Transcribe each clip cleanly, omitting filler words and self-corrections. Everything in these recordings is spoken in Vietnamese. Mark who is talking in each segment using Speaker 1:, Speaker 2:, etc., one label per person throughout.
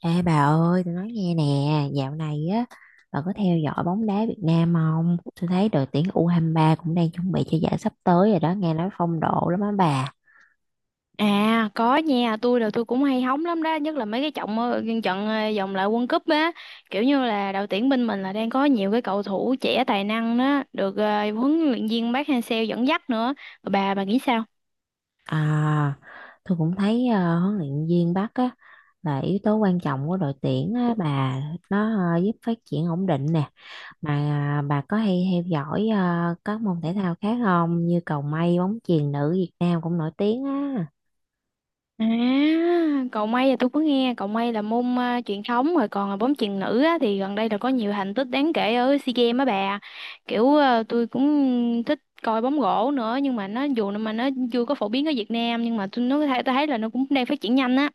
Speaker 1: Ê bà ơi, tôi nói nghe nè, dạo này á, bà có theo dõi bóng đá Việt Nam không? Tôi thấy đội tuyển U23 cũng đang chuẩn bị cho giải sắp tới rồi đó, nghe nói phong độ lắm á bà.
Speaker 2: À có nha, tôi cũng hay hóng lắm đó, nhất là mấy cái trận vòng loại World Cup á, kiểu như là đội tuyển bên mình là đang có nhiều cái cầu thủ trẻ tài năng đó, được huấn luyện viên Park Hang-seo dẫn dắt nữa. Bà nghĩ sao?
Speaker 1: À, tôi cũng thấy huấn luyện viên Bắc á, là yếu tố quan trọng của đội tuyển á, bà, nó giúp phát triển ổn định nè. Mà bà có hay theo dõi các môn thể thao khác không? Như cầu mây, bóng chuyền nữ Việt Nam cũng nổi tiếng á.
Speaker 2: À, cầu mây là tôi có nghe, cầu mây là môn truyền thống rồi còn là bóng chuyền nữ á, thì gần đây là có nhiều thành tích đáng kể ở SEA Games á bà. Kiểu tôi cũng thích coi bóng rổ nữa nhưng mà nó dù mà nó chưa có phổ biến ở Việt Nam nhưng mà tôi thấy là nó cũng đang phát triển nhanh á.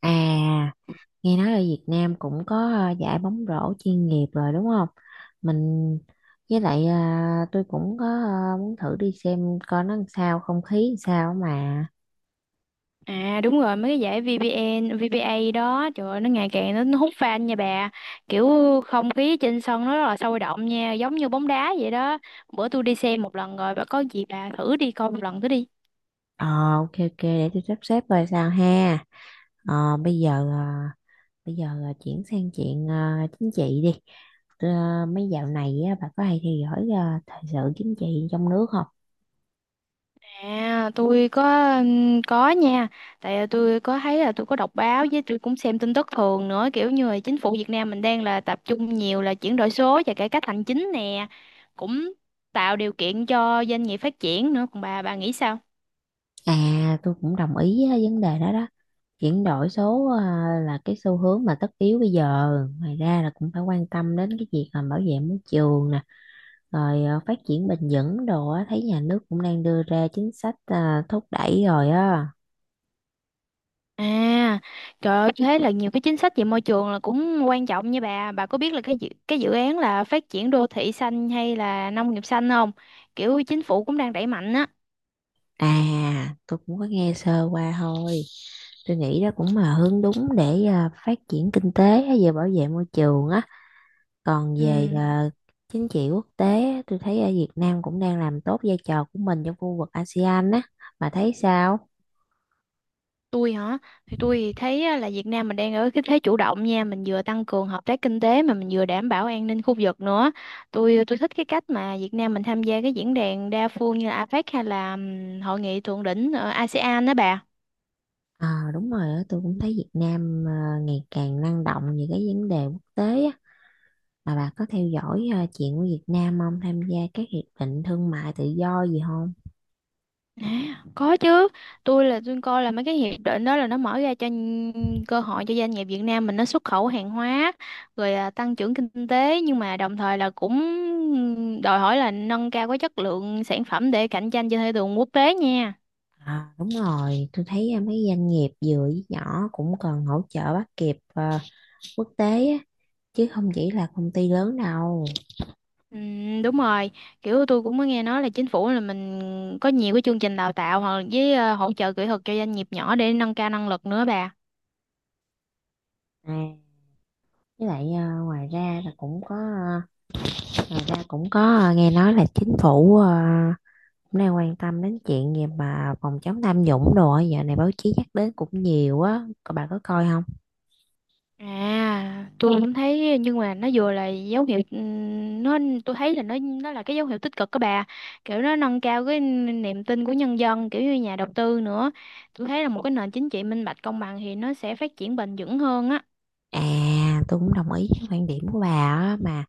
Speaker 1: À. Nghe nói ở Việt Nam cũng có giải bóng rổ chuyên nghiệp rồi đúng không? Mình, với lại tôi cũng có muốn thử đi xem coi nó làm sao, không khí làm sao mà.
Speaker 2: À đúng rồi mấy cái giải VPN, VPA đó, trời ơi, nó ngày càng nó hút fan nha bà, kiểu không khí trên sân nó rất là sôi động nha, giống như bóng đá vậy đó. Bữa tôi đi xem một lần rồi, bà có gì bà thử đi coi một lần thử đi.
Speaker 1: Ờ, ok, ok, để tôi sắp xếp coi sao ha. Ờ bây giờ ờ, Bây giờ là chuyển sang chuyện chính trị đi. Mấy dạo này á, bà có hay theo dõi thời sự chính trị trong nước không?
Speaker 2: À tôi có nha, tại tôi có thấy là tôi có đọc báo với tôi cũng xem tin tức thường nữa, kiểu như là chính phủ Việt Nam mình đang là tập trung nhiều là chuyển đổi số và cải cách hành chính nè, cũng tạo điều kiện cho doanh nghiệp phát triển nữa. Còn bà nghĩ sao?
Speaker 1: À, tôi cũng đồng ý với vấn đề đó đó. Chuyển đổi số à, là cái xu hướng mà tất yếu bây giờ. Ngoài ra là cũng phải quan tâm đến cái việc mà bảo vệ môi trường nè, rồi phát triển bền vững đồ á, thấy nhà nước cũng đang đưa ra chính sách thúc đẩy rồi á.
Speaker 2: À, trời ơi, thế là nhiều cái chính sách về môi trường là cũng quan trọng nha bà. Bà có biết là cái dự án là phát triển đô thị xanh hay là nông nghiệp xanh không? Kiểu chính phủ cũng đang đẩy mạnh á.
Speaker 1: À, tôi cũng có nghe sơ qua thôi. Tôi nghĩ đó cũng là hướng đúng để phát triển kinh tế á, về bảo vệ môi trường á. Còn về
Speaker 2: Ừ,
Speaker 1: chính trị quốc tế á, tôi thấy ở Việt Nam cũng đang làm tốt vai trò của mình trong khu vực ASEAN á. Bà thấy sao?
Speaker 2: tôi hả? Thì tôi thấy á, là Việt Nam mình đang ở cái thế chủ động nha, mình vừa tăng cường hợp tác kinh tế mà mình vừa đảm bảo an ninh khu vực nữa. Tôi thích cái cách mà Việt Nam mình tham gia cái diễn đàn đa phương như là APEC hay là hội nghị thượng đỉnh ở ASEAN đó bà.
Speaker 1: Ờ, đúng rồi á, tôi cũng thấy Việt Nam ngày càng năng động về cái vấn đề quốc tế á. Mà bà có theo dõi chuyện của Việt Nam không? Tham gia các hiệp định thương mại tự do gì không?
Speaker 2: À, có chứ, tôi coi là mấy cái hiệp định đó là nó mở ra cơ hội cho doanh nghiệp Việt Nam mình nó xuất khẩu hàng hóa, rồi tăng trưởng kinh tế, nhưng mà đồng thời là cũng đòi hỏi là nâng cao cái chất lượng sản phẩm để cạnh tranh trên thị trường quốc tế nha.
Speaker 1: À, đúng rồi, tôi thấy mấy doanh nghiệp vừa với nhỏ cũng cần hỗ trợ bắt kịp quốc tế á, chứ không chỉ là công ty lớn đâu.
Speaker 2: Đúng rồi, kiểu tôi cũng có nghe nói là chính phủ là mình có nhiều cái chương trình đào tạo hoặc với hỗ trợ kỹ thuật cho doanh nghiệp nhỏ để nâng cao năng lực nữa bà.
Speaker 1: À, với lại ngoài ra cũng có, nghe nói là chính phủ cũng đang quan tâm đến chuyện gì mà phòng chống tham nhũng đồ á. Dạo này báo chí nhắc đến cũng nhiều á. Cô bà có coi không?
Speaker 2: À, tôi cũng thấy, nhưng mà nó vừa là dấu hiệu nó tôi thấy là nó là cái dấu hiệu tích cực các bà. Kiểu nó nâng cao cái niềm tin của nhân dân, kiểu như nhà đầu tư nữa. Tôi thấy là một cái nền chính trị minh bạch công bằng thì nó sẽ phát triển bền vững hơn á.
Speaker 1: À, tôi cũng đồng ý với quan điểm của bà á. Mà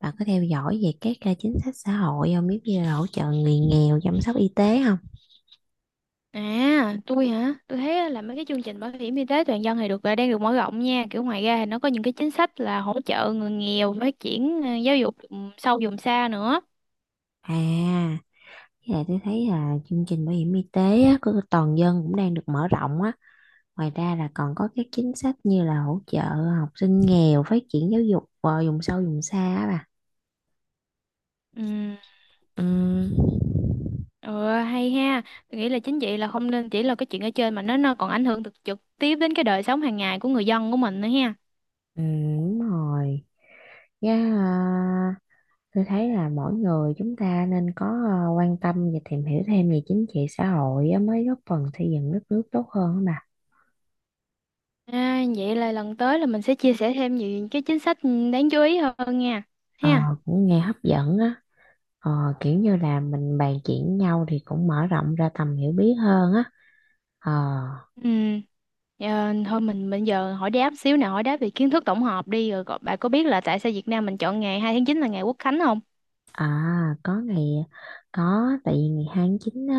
Speaker 1: bà có theo dõi về các chính sách xã hội không? Biết như là hỗ trợ người nghèo, chăm sóc y tế không?
Speaker 2: À, tôi hả? Tôi thấy là mấy cái chương trình bảo hiểm y tế toàn dân thì đang được mở rộng nha. Kiểu ngoài ra thì nó có những cái chính sách là hỗ trợ người nghèo phát triển giáo dục sâu vùng xa nữa.
Speaker 1: À, với lại tôi thấy là chương trình bảo hiểm y tế á, của toàn dân cũng đang được mở rộng á. Ngoài ra là còn có các chính sách như là hỗ trợ học sinh nghèo, phát triển giáo dục vùng sâu vùng xa á bà.
Speaker 2: Ừ.
Speaker 1: Ừ,
Speaker 2: Ờ hay ha, tôi nghĩ là chính vậy là không nên chỉ là cái chuyện ở trên mà nó còn ảnh hưởng trực trực tiếp đến cái đời sống hàng ngày của người dân của mình nữa ha.
Speaker 1: ừ, đúng rồi. Dạ, tôi thấy là mỗi người chúng ta nên có quan tâm và tìm hiểu thêm về chính trị xã hội á, mới góp phần xây dựng đất nước tốt hơn á mà.
Speaker 2: À, vậy là lần tới là mình sẽ chia sẻ thêm nhiều cái chính sách đáng chú ý hơn nha.
Speaker 1: Ờ,
Speaker 2: Ha.
Speaker 1: cũng nghe hấp dẫn á. Ờ, kiểu như là mình bàn chuyện nhau thì cũng mở rộng ra tầm hiểu biết hơn á. Ờ,
Speaker 2: Ừ. Ờ, thôi mình bây giờ hỏi đáp xíu nào, hỏi đáp về kiến thức tổng hợp đi rồi bạn có biết là tại sao Việt Nam mình chọn ngày 2 tháng 9 là ngày Quốc khánh không?
Speaker 1: à, có ngày có, tại vì ngày 29 á,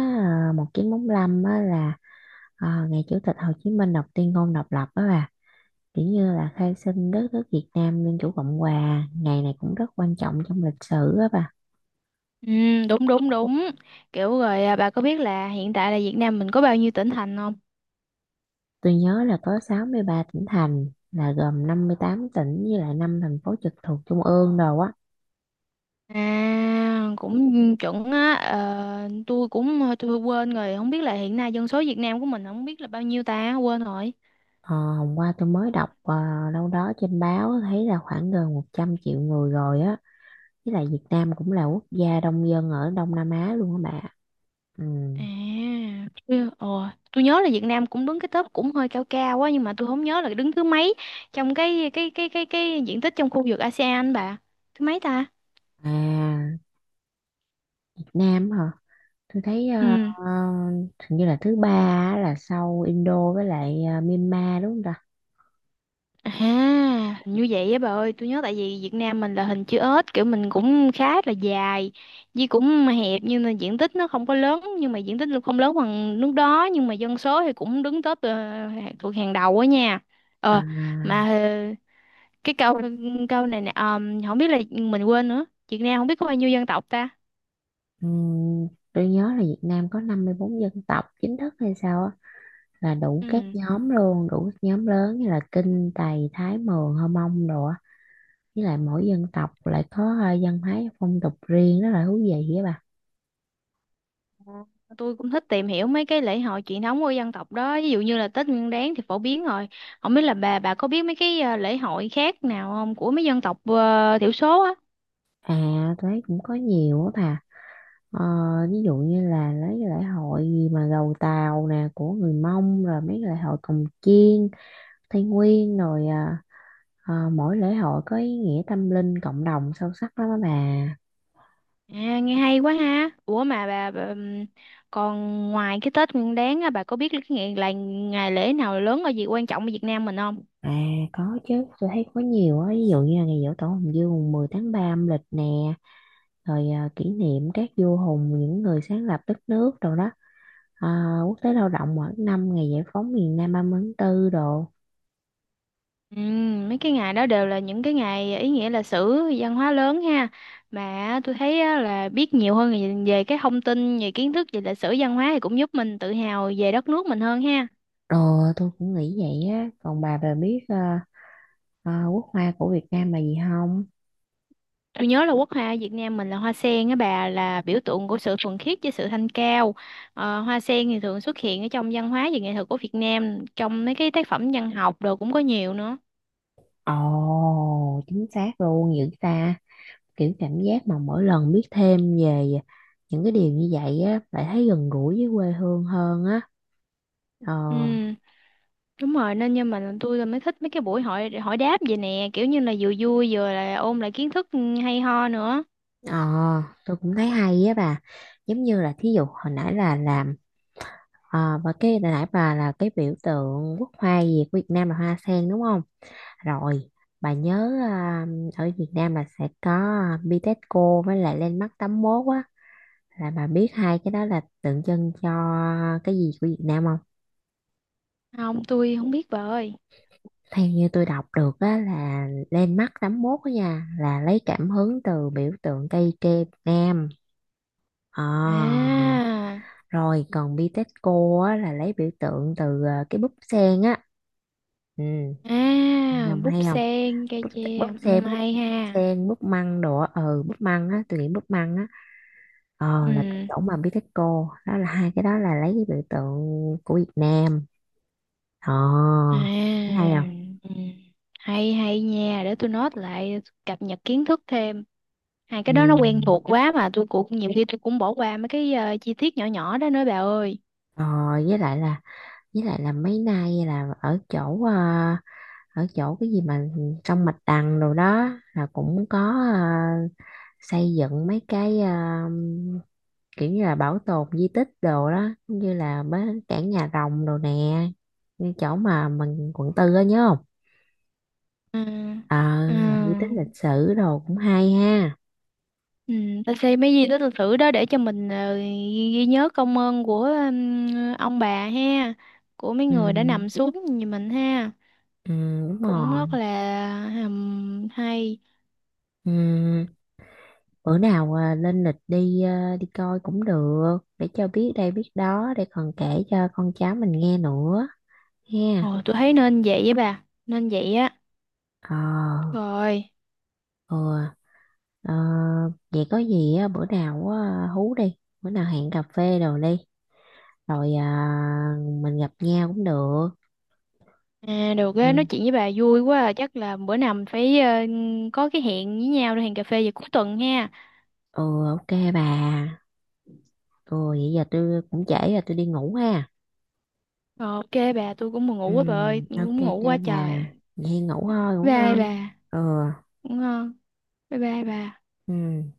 Speaker 1: 1945 á, là ngày Chủ tịch Hồ Chí Minh đọc tuyên ngôn độc lập á bà. Kiểu như là khai sinh đất nước Việt Nam Dân chủ Cộng hòa, ngày này cũng rất quan trọng trong lịch sử á bà.
Speaker 2: Ừ, đúng đúng đúng. Kiểu rồi bà có biết là hiện tại là Việt Nam mình có bao nhiêu tỉnh thành không?
Speaker 1: Tôi nhớ là có 63 tỉnh thành, là gồm 58 tỉnh với lại 5 thành phố trực thuộc trung ương rồi á.
Speaker 2: À, cũng chuẩn á. Ờ, tôi cũng quên rồi, không biết là hiện nay dân số Việt Nam của mình không biết là bao nhiêu ta, quên rồi.
Speaker 1: Ờ, hôm qua tôi mới đọc đâu đó trên báo, thấy là khoảng gần 100 triệu người rồi á. Với lại Việt Nam cũng là quốc gia đông dân ở Đông Nam Á luôn á bà. Ừ.
Speaker 2: À, tôi, ồ, tôi nhớ là Việt Nam cũng đứng cái top cũng hơi cao cao quá nhưng mà tôi không nhớ là đứng thứ mấy trong cái diện tích trong khu vực ASEAN bà. Thứ mấy ta?
Speaker 1: À, Việt Nam hả? Tôi thấy
Speaker 2: Ừ.
Speaker 1: hình như là thứ ba á, là sau Indo với lại Myanmar, đúng không ta?
Speaker 2: À, như vậy á bà ơi, tôi nhớ tại vì Việt Nam mình là hình chữ S, kiểu mình cũng khá là dài, với cũng hẹp, nhưng mà diện tích nó không có lớn, nhưng mà diện tích nó không lớn bằng nước đó, nhưng mà dân số thì cũng đứng top thuộc hàng đầu á nha.
Speaker 1: À,
Speaker 2: Ờ, mà cái câu câu này nè, không biết là mình quên nữa, Việt Nam không biết có bao nhiêu dân tộc ta.
Speaker 1: ừm, tôi nhớ là Việt Nam có 54 dân tộc chính thức hay sao á, là đủ các
Speaker 2: Ừ.
Speaker 1: nhóm luôn, đủ các nhóm lớn như là Kinh, Tày, Thái, Mường, Hơ Mông đồ á, với lại mỗi dân tộc lại có văn hóa phong tục riêng rất là thú vị á bà.
Speaker 2: Ờ, tôi cũng thích tìm hiểu mấy cái lễ hội truyền thống của dân tộc đó, ví dụ như là Tết Nguyên Đán thì phổ biến rồi, không biết là bà có biết mấy cái lễ hội khác nào không của mấy dân tộc thiểu số á.
Speaker 1: À, tôi thấy cũng có nhiều á bà. Ờ, Ví dụ như là lấy cái lễ hội gì mà gầu Tàu nè của người Mông, rồi mấy cái lễ hội cồng chiêng Tây Nguyên, rồi mỗi lễ hội có ý nghĩa tâm linh cộng đồng sâu sắc lắm á bà.
Speaker 2: À, nghe hay quá ha. Ủa mà bà, còn ngoài cái Tết Nguyên Đán á, bà có biết cái ngày lễ nào lớn ở gì quan trọng ở Việt Nam mình không?
Speaker 1: À, có chứ, tôi thấy có nhiều á. Ví dụ như là ngày giỗ tổ Hùng Vương mùng 10 tháng 3 âm lịch nè, rồi kỷ niệm các vua hùng, những người sáng lập đất nước rồi đó, quốc tế lao động mỗi năm, ngày giải phóng miền Nam 30 tháng 4 đồ.
Speaker 2: Mấy cái ngày đó đều là những cái ngày ý nghĩa lịch sử văn hóa lớn ha. Mà tôi thấy á, là biết nhiều hơn về về cái thông tin về kiến thức về lịch sử văn hóa thì cũng giúp mình tự hào về đất nước mình hơn ha.
Speaker 1: Ờ, tôi cũng nghĩ vậy á. Còn bà biết quốc hoa của Việt Nam là gì không?
Speaker 2: Tôi nhớ là quốc hoa Việt Nam mình là hoa sen á bà, là biểu tượng của sự thuần khiết với sự thanh cao. Ờ, hoa sen thì thường xuất hiện ở trong văn hóa và nghệ thuật của Việt Nam, trong mấy cái tác phẩm văn học đồ cũng có nhiều nữa.
Speaker 1: Ồ, chính xác luôn dữ ta. Kiểu cảm giác mà mỗi lần biết thêm về những cái điều như vậy á, lại thấy gần gũi với quê hương hơn á. ờ
Speaker 2: Ừ. Đúng rồi, nên nhưng mà tôi mới thích mấy cái buổi hỏi hỏi đáp vậy nè, kiểu như là vừa vui vừa là ôn lại kiến thức hay ho nữa.
Speaker 1: ờ tôi cũng thấy hay á bà. Giống như là thí dụ hồi nãy là làm và cái hồi nãy bà là cái biểu tượng quốc hoa gì của Việt Nam là hoa sen đúng không. Rồi bà nhớ ở Việt Nam là sẽ có Bitexco với lại Landmark 81 á, là bà biết hai cái đó là tượng trưng cho cái gì của Việt Nam không?
Speaker 2: Không, tôi không biết bà ơi.
Speaker 1: Theo như tôi đọc được á, là lên mắt 81 á nha, là lấy cảm hứng từ biểu tượng cây tre Việt Nam. Ờ,
Speaker 2: À,
Speaker 1: Rồi còn Bitexco á, là lấy biểu tượng từ cái búp sen á. Ừ, nhầm
Speaker 2: búp
Speaker 1: hay không?
Speaker 2: sen, cây
Speaker 1: búp, búp
Speaker 2: tre. Ừ,
Speaker 1: sen búp
Speaker 2: hay ha.
Speaker 1: sen búp măng đồ á. Ừ, búp măng á, tôi nghĩ búp măng á. Là cái
Speaker 2: Ừ.
Speaker 1: chỗ mà Bitexco đó, là hai cái đó là lấy cái biểu tượng của Việt Nam. ờ Thấy
Speaker 2: À.
Speaker 1: hay không?
Speaker 2: Ừ. Hay hay nha, để tôi note lại, cập nhật kiến thức thêm. Hai cái
Speaker 1: Ừ.
Speaker 2: đó nó quen thuộc quá mà tôi cũng bỏ qua mấy cái chi tiết nhỏ nhỏ đó nữa bà ơi.
Speaker 1: ờ với lại là với lại là mấy nay là ở chỗ, cái gì mà trong mạch đằng đồ đó là cũng có, à, xây dựng mấy cái, kiểu như là bảo tồn di tích đồ đó, giống như là bến cảng nhà rồng đồ nè, như chỗ mà mình quận tư á, nhớ không?
Speaker 2: Ừ.
Speaker 1: ờ
Speaker 2: Ừ.
Speaker 1: là di tích lịch sử đồ cũng hay ha.
Speaker 2: Ừ, ta xem mấy di tích lịch sử đó để cho mình ghi nhớ công ơn của ông bà ha, của mấy
Speaker 1: Ừ,
Speaker 2: người đã nằm xuống như mình ha,
Speaker 1: ừ, đúng
Speaker 2: cũng
Speaker 1: rồi.
Speaker 2: rất là hay.
Speaker 1: Ừ. Bữa nào lên lịch đi, đi coi cũng được để cho biết đây biết đó, để còn kể cho con cháu mình nghe nữa ha.
Speaker 2: Ồ tôi thấy nên vậy, với bà nên vậy á.
Speaker 1: ờ
Speaker 2: Rồi.
Speaker 1: ừ. Ờ, vậy có gì á, bữa nào á, hú đi. Bữa nào hẹn cà phê đồ đi, rồi mình gặp nhau cũng được.
Speaker 2: À, được á, nói
Speaker 1: Ừ,
Speaker 2: chuyện với bà vui quá à. Chắc là bữa nào mình phải có cái hẹn với nhau, để hẹn cà phê vào cuối tuần ha.
Speaker 1: ừ, ok bà. Ừ, vậy giờ tôi cũng trễ rồi, tôi đi ngủ ha.
Speaker 2: Rồi, ok bà, tôi cũng buồn ngủ
Speaker 1: Ừ,
Speaker 2: quá bà ơi, tôi
Speaker 1: ok,
Speaker 2: cũng ngủ
Speaker 1: ok
Speaker 2: quá trời.
Speaker 1: bà. Vậy ngủ thôi, ngủ
Speaker 2: Bye bà.
Speaker 1: ngon. Ừ,
Speaker 2: Ngủ ngon. Bye bye bà.
Speaker 1: ừ.